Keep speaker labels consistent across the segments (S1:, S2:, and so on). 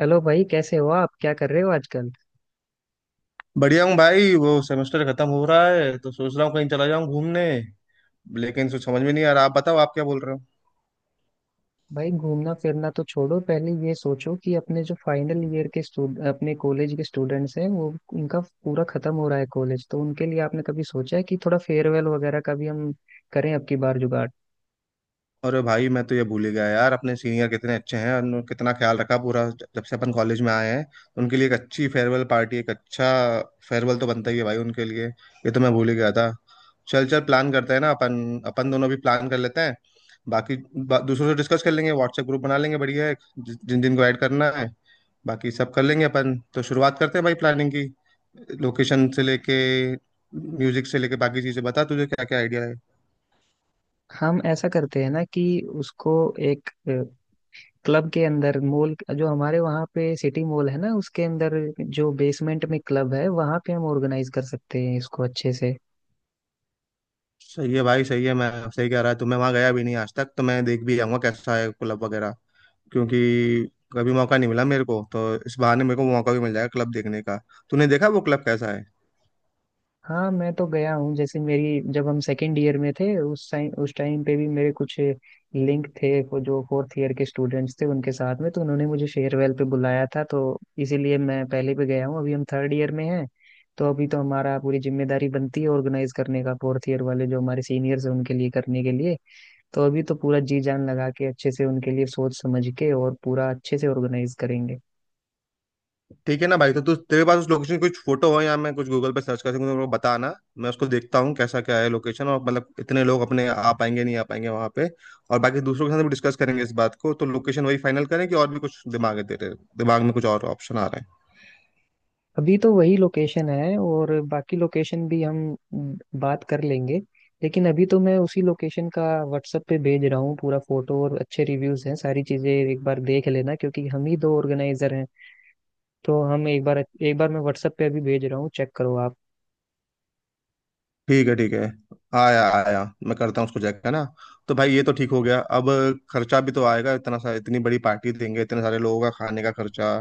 S1: Hello भाई, कैसे हो आप? क्या कर रहे हो आजकल?
S2: बढ़िया हूँ भाई। वो सेमेस्टर खत्म हो रहा है, तो सोच रहा हूँ कहीं चला जाऊँ घूमने। लेकिन सोच समझ में नहीं आ रहा। आप बताओ, आप क्या बोल रहे हो।
S1: भाई, घूमना फिरना तो छोड़ो, पहले ये सोचो कि अपने जो फाइनल ईयर के स्टूड अपने कॉलेज के स्टूडेंट्स हैं, वो उनका पूरा खत्म हो रहा है कॉलेज तो उनके लिए आपने कभी सोचा है कि थोड़ा फेयरवेल वगैरह का भी हम करें अब की बार जुगाड़।
S2: अरे भाई, मैं तो ये भूल ही गया यार। अपने सीनियर कितने अच्छे हैं, उन्होंने कितना ख्याल रखा पूरा जब से अपन कॉलेज में आए हैं। उनके लिए एक अच्छी फेयरवेल पार्टी, एक अच्छा फेयरवेल तो बनता ही है भाई उनके लिए। ये तो मैं भूल ही गया था। चल चल, प्लान करते हैं ना। अपन अपन दोनों भी प्लान कर लेते हैं। बाकी दूसरों से डिस्कस कर लेंगे, व्हाट्सएप ग्रुप बना लेंगे बढ़िया एक। जिन जिन को ऐड करना है बाकी सब कर लेंगे अपन। तो शुरुआत करते हैं भाई प्लानिंग की। लोकेशन से लेके, म्यूजिक से लेके बाकी चीजें बता तुझे क्या क्या आइडिया है।
S1: हम ऐसा करते हैं ना कि उसको एक क्लब के अंदर, मॉल जो हमारे वहाँ पे सिटी मॉल है ना, उसके अंदर जो बेसमेंट में क्लब है वहाँ पे हम ऑर्गेनाइज कर सकते हैं इसको अच्छे से।
S2: सही है भाई, सही है। मैं सही कह रहा है तो। मैं वहाँ गया भी नहीं आज तक, तो मैं देख भी आऊंगा कैसा है क्लब वगैरह। क्योंकि कभी मौका नहीं मिला मेरे को, तो इस बहाने मेरे को मौका भी मिल जाएगा क्लब देखने का। तूने देखा वो क्लब कैसा है?
S1: हाँ, मैं तो गया हूँ। जैसे मेरी, जब हम सेकेंड ईयर में थे उस टाइम पे भी मेरे कुछ लिंक थे वो जो फोर्थ ईयर के स्टूडेंट्स थे उनके साथ में, तो उन्होंने मुझे फेयरवेल पे बुलाया था, तो इसीलिए मैं पहले भी गया हूँ। अभी हम थर्ड ईयर में हैं तो अभी तो हमारा पूरी जिम्मेदारी बनती है ऑर्गेनाइज करने का, फोर्थ ईयर वाले जो हमारे सीनियर्स हैं उनके लिए करने के लिए। तो अभी तो पूरा जी जान लगा के अच्छे से उनके लिए सोच समझ के और पूरा अच्छे से ऑर्गेनाइज करेंगे।
S2: ठीक है ना भाई। तो तू, तेरे पास उस लोकेशन की कुछ फोटो हो या मैं कुछ गूगल पे सर्च कर सकूँ तो मेरे को बताना। मैं उसको देखता हूँ कैसा क्या है लोकेशन, और मतलब इतने लोग अपने आ पाएंगे नहीं आ पाएंगे वहाँ पे। और बाकी दूसरों के साथ भी डिस्कस करेंगे इस बात को, तो लोकेशन वही फाइनल करें। कि और भी कुछ दिमाग है तेरे दिमाग में, कुछ और ऑप्शन आ रहे हैं?
S1: अभी तो वही लोकेशन है, और बाकी लोकेशन भी हम बात कर लेंगे, लेकिन अभी तो मैं उसी लोकेशन का व्हाट्सएप पे भेज रहा हूँ पूरा, फोटो और अच्छे रिव्यूज हैं, सारी चीजें एक बार देख लेना क्योंकि हम ही दो ऑर्गेनाइजर हैं। तो हम एक बार, एक बार मैं व्हाट्सएप पे अभी भेज रहा हूँ, चेक करो आप।
S2: ठीक है ठीक है। आया आया, मैं करता हूँ उसको चेक, है ना। तो भाई ये तो ठीक हो गया। अब खर्चा भी तो आएगा इतना सा। इतनी बड़ी पार्टी देंगे, इतने सारे लोगों का खाने का खर्चा,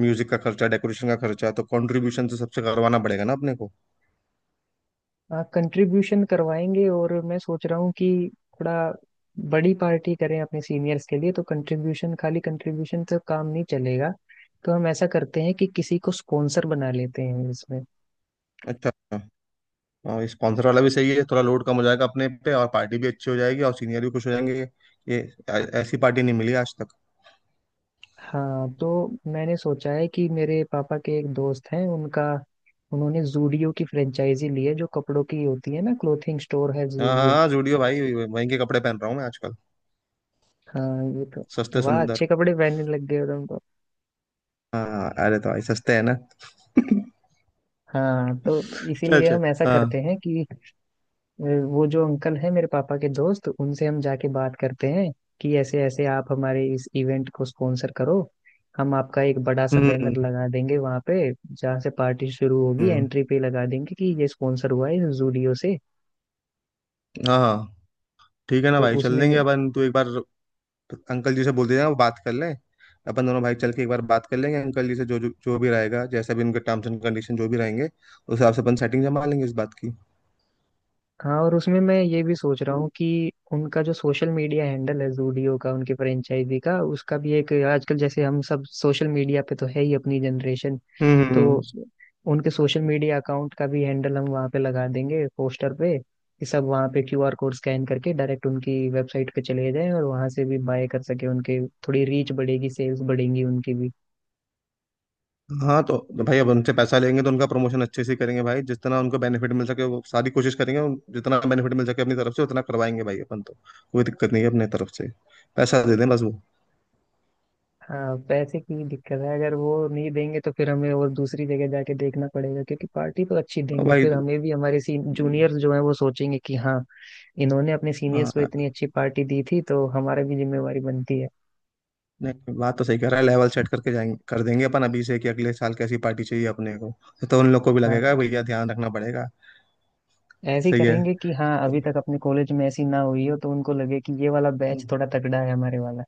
S2: म्यूजिक का खर्चा, डेकोरेशन का खर्चा, तो कंट्रीब्यूशन तो सबसे करवाना पड़ेगा ना अपने को।
S1: आप कंट्रीब्यूशन करवाएंगे और मैं सोच रहा हूँ कि थोड़ा बड़ी पार्टी करें अपने सीनियर्स के लिए, तो कंट्रीब्यूशन, खाली कंट्रीब्यूशन से काम नहीं चलेगा। तो हम ऐसा करते हैं कि किसी को स्पॉन्सर बना लेते हैं इसमें।
S2: अच्छा अच्छा। और स्पॉन्सर वाला भी सही है, थोड़ा लोड कम हो जाएगा अपने पे और पार्टी भी अच्छी हो जाएगी और सीनियर भी खुश हो जाएंगे। ये ऐसी पार्टी नहीं मिली आज तक।
S1: हाँ, तो मैंने सोचा है कि मेरे पापा के एक दोस्त हैं, उनका, उन्होंने जूडियो की फ्रेंचाइजी ली है, जो कपड़ों की होती है ना, क्लोथिंग स्टोर है
S2: हाँ हाँ
S1: जूडियो।
S2: हाँ, जुड़ियो भाई, वहीं के कपड़े पहन रहा हूँ मैं आजकल।
S1: हाँ, ये तो।
S2: सस्ते
S1: वाह, अच्छे
S2: सुंदर।
S1: कपड़े पहनने लग गए हो तुम तो।
S2: हाँ अरे, तो भाई सस्ते है ना।
S1: हाँ, तो
S2: चल
S1: इसीलिए
S2: चल।
S1: हम ऐसा करते
S2: हाँ।
S1: हैं कि अ, वो जो अंकल है मेरे पापा के दोस्त, उनसे हम जाके बात करते हैं कि ऐसे ऐसे आप हमारे इस इवेंट को स्पॉन्सर करो, हम आपका एक बड़ा सा बैनर
S2: हम्म।
S1: लगा देंगे वहां पे, जहाँ से पार्टी शुरू होगी
S2: हम्म।
S1: एंट्री पे लगा देंगे कि ये स्पॉन्सर हुआ है जूडियो से।
S2: हाँ हाँ। ठीक है ना
S1: तो
S2: भाई, चल
S1: उसमें,
S2: देंगे अपन। तू एक बार अंकल जी से बोल देना, वो बात कर लें। अपन दोनों भाई चल के एक बार बात कर लेंगे अंकल जी से। जो जो जो भी रहेगा, जैसा भी उनके टर्म्स एंड कंडीशन जो भी रहेंगे उस हिसाब से अपन सेटिंग जमा लेंगे इस बात की।
S1: हाँ, और उसमें मैं ये भी सोच रहा हूँ कि उनका जो सोशल मीडिया हैंडल है जूडियो का, उनके फ्रेंचाइजी का, उसका भी एक, आजकल जैसे हम सब सोशल मीडिया पे तो है ही अपनी जनरेशन,
S2: हम्म हम्म, हम्म।
S1: तो उनके सोशल मीडिया अकाउंट का भी हैंडल हम वहाँ पे लगा देंगे पोस्टर पे, कि सब वहाँ पे क्यूआर कोड स्कैन करके डायरेक्ट उनकी वेबसाइट पे चले जाएं और वहाँ से भी बाय कर सके उनके। थोड़ी रीच बढ़ेगी, सेल्स बढ़ेंगी उनकी भी।
S2: हाँ तो भाई अब उनसे पैसा लेंगे तो उनका प्रमोशन अच्छे से करेंगे भाई। जितना उनको बेनिफिट मिल सके वो सारी कोशिश करेंगे। जितना बेनिफिट मिल सके अपनी तरफ से उतना करवाएंगे भाई अपन तो। कोई दिक्कत नहीं है अपने तरफ से। पैसा दे दें बस वो।
S1: हाँ, पैसे की दिक्कत है, अगर वो नहीं देंगे तो फिर हमें और दूसरी जगह जाके देखना पड़ेगा, क्योंकि पार्टी तो अच्छी
S2: और
S1: देंगे,
S2: भाई।
S1: फिर हमें भी हमारे जूनियर्स जो हैं वो सोचेंगे कि हाँ, इन्होंने अपने सीनियर्स को
S2: हाँ।
S1: इतनी अच्छी पार्टी दी थी तो हमारा भी जिम्मेवारी बनती है।
S2: नहीं, बात तो सही कह रहा है। लेवल सेट करके जाएंगे, कर देंगे अपन अभी से कि अगले साल कैसी पार्टी चाहिए अपने को। तो उन लोग को भी लगेगा
S1: हाँ,
S2: भैया ध्यान रखना पड़ेगा।
S1: ऐसे ही
S2: सही है।
S1: करेंगे कि हाँ, अभी तक अपने कॉलेज में ऐसी ना हुई हो, तो उनको लगे कि ये वाला बैच थोड़ा तगड़ा है हमारे वाला।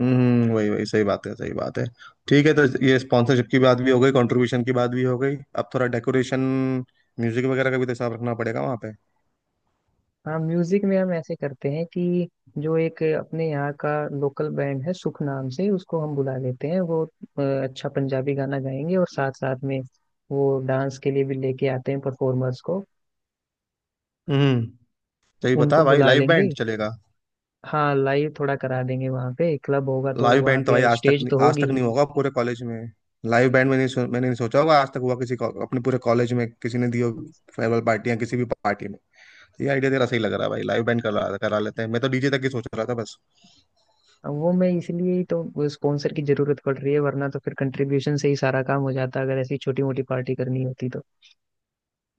S2: हम्म, वही वही सही बात है, सही बात है। ठीक है, तो ये स्पॉन्सरशिप की बात भी हो गई, कंट्रीब्यूशन की बात भी हो गई। अब थोड़ा डेकोरेशन, म्यूजिक वगैरह का भी तो हिसाब रखना पड़ेगा वहाँ पे।
S1: हाँ, म्यूजिक में हम ऐसे करते हैं कि जो एक अपने यहाँ का लोकल बैंड है, सुख नाम से, उसको हम बुला लेते हैं। वो अच्छा पंजाबी गाना गाएंगे, और साथ साथ में वो डांस के लिए भी लेके आते हैं परफॉर्मर्स को,
S2: हम्म।
S1: तो
S2: सही
S1: उनको
S2: बता भाई,
S1: बुला
S2: लाइव
S1: लेंगे।
S2: बैंड चलेगा।
S1: हाँ, लाइव थोड़ा करा देंगे वहाँ पे, क्लब होगा तो
S2: लाइव
S1: वहाँ
S2: बैंड तो भाई
S1: पे
S2: आज तक
S1: स्टेज
S2: नहीं,
S1: तो
S2: आज
S1: होगी
S2: तक
S1: ही।
S2: नहीं होगा पूरे कॉलेज में। लाइव बैंड, मैंने नहीं सोचा होगा आज तक हुआ किसी को अपने पूरे कॉलेज में किसी ने दी हो फेयरवेल पार्टी या किसी भी पार्टी में। तो ये आइडिया तेरा सही लग रहा है भाई, लाइव बैंड करा करा लेते हैं। मैं तो डीजे तक ही सोच रहा था बस।
S1: अब वो, मैं इसलिए ही तो स्पॉन्सर की जरूरत पड़ रही है, वरना तो फिर कंट्रीब्यूशन से ही सारा काम हो जाता अगर ऐसी छोटी मोटी पार्टी करनी होती तो।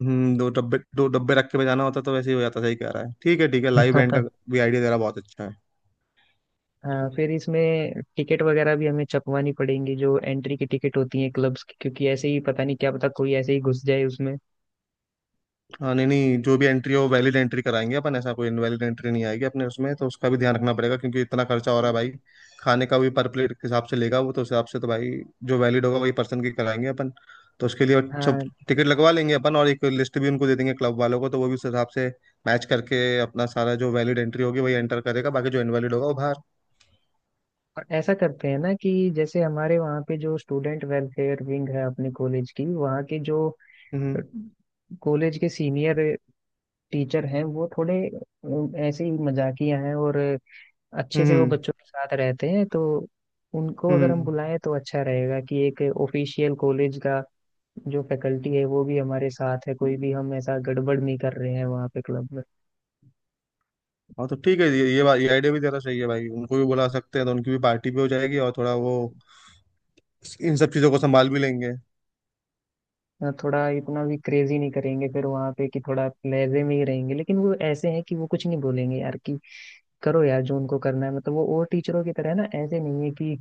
S2: हम्म, दो डब्बे रख के बजाना होता तो वैसे ही हो जाता। सही कह रहा है, ठीक है ठीक है। लाइव बैंड का भी आइडिया तेरा बहुत अच्छा है।
S1: हाँ, फिर इसमें टिकट वगैरह भी हमें छपवानी पड़ेंगी, जो एंट्री की टिकट होती है क्लब्स की, क्योंकि ऐसे ही पता नहीं, क्या पता कोई ऐसे ही घुस जाए उसमें।
S2: हाँ, नहीं नहीं, जो भी एंट्री हो वैलिड एंट्री कराएंगे अपन। ऐसा कोई इनवैलिड एंट्री नहीं आएगी अपने उसमें, तो उसका भी ध्यान रखना पड़ेगा क्योंकि इतना खर्चा हो रहा है भाई। खाने का भी पर प्लेट के हिसाब से लेगा वो, तो उस हिसाब से तो भाई जो वैलिड होगा वही पर्सन की कराएंगे अपन। तो उसके लिए सब
S1: हाँ,
S2: टिकट लगवा लेंगे अपन, और एक लिस्ट भी उनको दे देंगे क्लब वालों को, तो वो भी उस हिसाब से मैच करके अपना सारा जो वैलिड एंट्री होगी वही एंटर करेगा, बाकी जो इनवैलिड होगा वो बाहर।
S1: और ऐसा करते हैं ना कि जैसे हमारे वहाँ पे जो स्टूडेंट वेलफेयर विंग है अपने कॉलेज की, वहाँ के जो
S2: हम्म।
S1: कॉलेज के सीनियर टीचर हैं, वो थोड़े ऐसे ही मजाकिया हैं और अच्छे से वो
S2: हम्म।
S1: बच्चों के साथ रहते हैं, तो उनको अगर हम
S2: हम्म।
S1: बुलाएं तो अच्छा रहेगा कि एक ऑफिशियल कॉलेज का जो फैकल्टी है वो भी हमारे साथ है, कोई भी हम ऐसा गड़बड़ नहीं कर रहे हैं वहाँ पे क्लब में।
S2: हाँ तो ठीक है, ये बात, ये आइडिया भी जरा सही है भाई, उनको भी बुला सकते हैं। तो उनकी भी पार्टी भी हो जाएगी और थोड़ा वो इन सब चीज़ों को संभाल भी लेंगे।
S1: हाँ, थोड़ा इतना भी क्रेजी नहीं करेंगे फिर वहाँ पे कि, थोड़ा लहजे में ही रहेंगे, लेकिन वो ऐसे हैं कि वो कुछ नहीं बोलेंगे, यार कि करो यार, जो उनको करना है। मतलब वो और टीचरों की तरह है ना, ऐसे नहीं है कि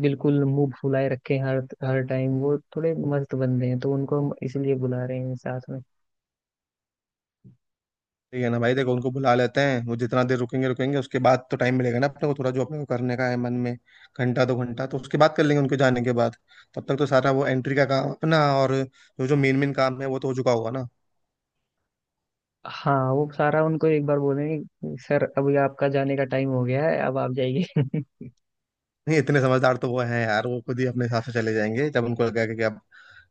S1: बिल्कुल मुंह फुलाए रखे हैं हर हर टाइम, वो थोड़े मस्त बंदे हैं, तो उनको हम इसलिए बुला रहे हैं साथ में।
S2: ठीक है ना भाई, देखो उनको बुला लेते हैं। वो जितना देर रुकेंगे रुकेंगे, उसके बाद तो टाइम मिलेगा ना अपने को थोड़ा जो अपने को करने का है मन में। घंटा दो घंटा तो उसके बाद कर लेंगे उनके जाने के बाद। तब तक तो सारा वो एंट्री का काम अपना और जो जो मेन मेन काम है वो तो हो चुका होगा ना।
S1: हाँ, वो सारा उनको एक बार बोलेंगे, सर अभी आपका जाने का टाइम हो गया है, अब आप जाइए।
S2: नहीं, इतने समझदार तो वो हैं यार। वो खुद ही अपने हिसाब से चले जाएंगे जब उनको लगेगा कि अब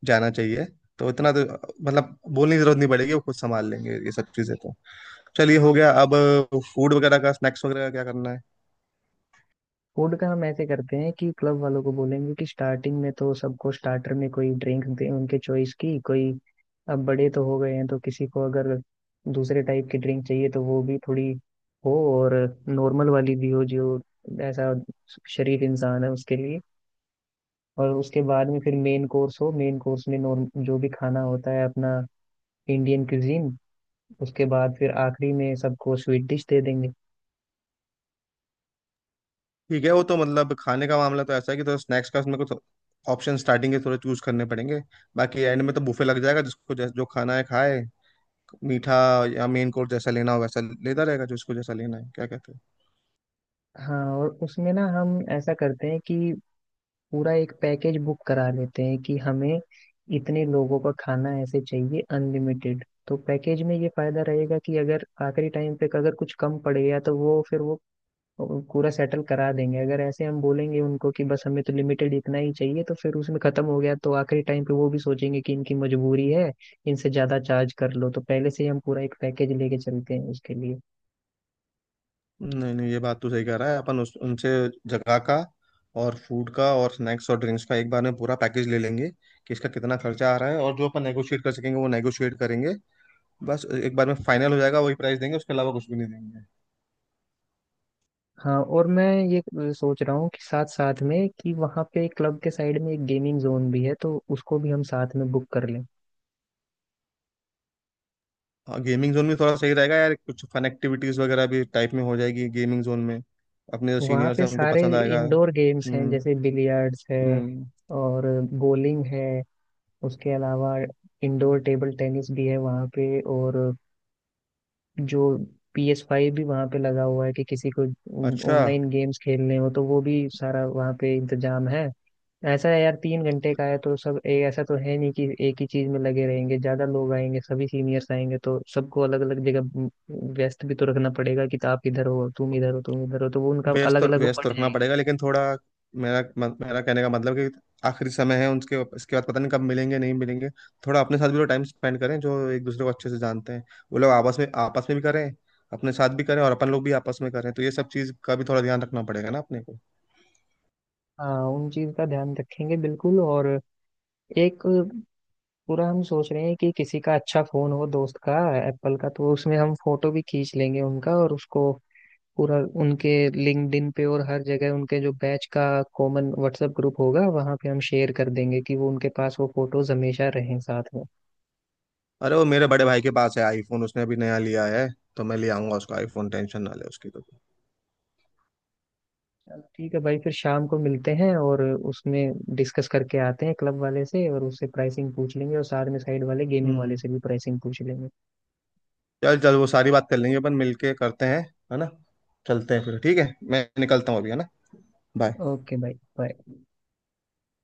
S2: जाना चाहिए। तो इतना तो मतलब बोलने की जरूरत नहीं पड़ेगी, वो खुद संभाल लेंगे ये सब चीजें तो। चलिए, हो गया। अब फूड वगैरह का, स्नैक्स वगैरह का क्या करना है?
S1: फूड का हम ऐसे करते हैं कि क्लब वालों को बोलेंगे कि स्टार्टिंग में तो सबको स्टार्टर में कोई ड्रिंक दें उनके चॉइस की, कोई, अब बड़े तो हो गए हैं तो किसी को अगर दूसरे टाइप की ड्रिंक चाहिए तो वो भी थोड़ी हो, और नॉर्मल वाली भी हो जो ऐसा शरीफ इंसान है उसके लिए। और उसके बाद में फिर मेन कोर्स हो, मेन कोर्स में नॉर्म जो भी खाना होता है अपना, इंडियन क्यूजीन, उसके बाद फिर आखिरी में सबको स्वीट डिश दे देंगे।
S2: ठीक है, वो तो मतलब खाने का मामला तो ऐसा है कि, तो स्नैक्स का उसमें कुछ ऑप्शन स्टार्टिंग के थोड़े चूज करने पड़ेंगे। बाकी एंड में तो बुफे लग जाएगा, जिसको जो खाना है खाए। मीठा या मेन कोर्स जैसा लेना हो वैसा लेता रहेगा, जिसको जैसा लेना है। क्या कहते हो?
S1: हाँ, और उसमें ना हम ऐसा करते हैं कि पूरा एक पैकेज बुक करा लेते हैं, कि हमें इतने लोगों का खाना ऐसे चाहिए अनलिमिटेड, तो पैकेज में ये फायदा रहेगा कि अगर आखिरी टाइम पे अगर कुछ कम पड़ गया तो वो फिर वो पूरा सेटल करा देंगे। अगर ऐसे हम बोलेंगे उनको कि बस हमें तो लिमिटेड इतना ही चाहिए, तो फिर उसमें खत्म हो गया तो आखिरी टाइम पे वो भी सोचेंगे कि इनकी मजबूरी है, इनसे ज्यादा चार्ज कर लो। तो पहले से ही हम पूरा एक पैकेज लेके चलते हैं उसके लिए।
S2: नहीं नहीं, ये बात तो सही कह रहा है अपन। उस उनसे जगह का और फूड का और स्नैक्स और ड्रिंक्स का एक बार में पूरा पैकेज ले लेंगे कि इसका कितना खर्चा आ रहा है, और जो अपन नेगोशिएट कर सकेंगे वो नेगोशिएट करेंगे। बस एक बार में फाइनल हो जाएगा, वही प्राइस देंगे, उसके अलावा कुछ भी नहीं देंगे।
S1: हाँ, और मैं ये सोच रहा हूँ कि साथ साथ में, कि वहाँ पे क्लब के साइड में एक गेमिंग जोन भी है तो उसको भी हम साथ में बुक कर लें।
S2: हाँ, गेमिंग जोन भी थोड़ा सही रहेगा यार। कुछ फन एक्टिविटीज वगैरह भी टाइप में हो जाएगी गेमिंग जोन में। अपने जो
S1: वहाँ
S2: सीनियर्स
S1: पे
S2: हैं उनको
S1: सारे
S2: पसंद आएगा।
S1: इंडोर गेम्स हैं,
S2: हम्म।
S1: जैसे बिलियर्ड्स है
S2: हम्म।
S1: और बोलिंग है, उसके अलावा इंडोर टेबल टेनिस भी है वहाँ पे, और जो PS5 भी वहाँ पे लगा हुआ है, कि किसी को
S2: अच्छा।
S1: ऑनलाइन गेम्स खेलने हो तो वो भी सारा वहाँ पे इंतजाम है। ऐसा है यार, 3 घंटे का है, तो सब ऐसा तो है नहीं कि एक ही चीज में लगे रहेंगे, ज्यादा लोग आएंगे, सभी सीनियर्स आएंगे, तो सबको अलग अलग जगह व्यस्त भी तो रखना पड़ेगा, कि आप इधर हो, तुम इधर हो, तुम इधर हो, तो वो उनका अलग अलग वो
S2: व्यस्त तो
S1: बट
S2: रखना
S1: जाएंगे।
S2: पड़ेगा, लेकिन थोड़ा मेरा मत- मेरा कहने का मतलब कि आखिरी समय है उनके, इसके बाद पता नहीं कब मिलेंगे नहीं मिलेंगे। थोड़ा अपने साथ भी तो टाइम स्पेंड करें, जो एक दूसरे को अच्छे से जानते हैं वो लोग आपस में, आपस में भी करें, अपने साथ भी करें और अपन लोग भी आपस में करें। तो ये सब चीज़ का भी थोड़ा ध्यान रखना पड़ेगा ना अपने को।
S1: हाँ, उन चीज का ध्यान रखेंगे बिल्कुल। और एक पूरा हम सोच रहे हैं कि किसी का अच्छा फोन हो, दोस्त का, एप्पल का, तो उसमें हम फोटो भी खींच लेंगे उनका, और उसको पूरा उनके लिंक्डइन पे और हर जगह, उनके जो बैच का कॉमन व्हाट्सएप ग्रुप होगा वहां पे हम शेयर कर देंगे कि वो उनके पास वो फोटोज हमेशा रहें साथ में।
S2: अरे, वो मेरे बड़े भाई के पास है आईफोन, उसने अभी नया लिया है। तो मैं ले आऊंगा उसको आईफोन, टेंशन ना ले उसकी तो।
S1: चल ठीक है भाई, फिर शाम को मिलते हैं और उसमें डिस्कस करके आते हैं, क्लब वाले से और उससे प्राइसिंग पूछ लेंगे, और साथ में साइड वाले गेमिंग वाले
S2: हम्म।
S1: से भी प्राइसिंग पूछ लेंगे।
S2: चल चल, वो सारी बात कर लेंगे अपन, मिलके करते हैं, है ना। चलते हैं फिर, ठीक है, मैं निकलता हूँ अभी, है ना। बाय।
S1: ओके भाई, बाय।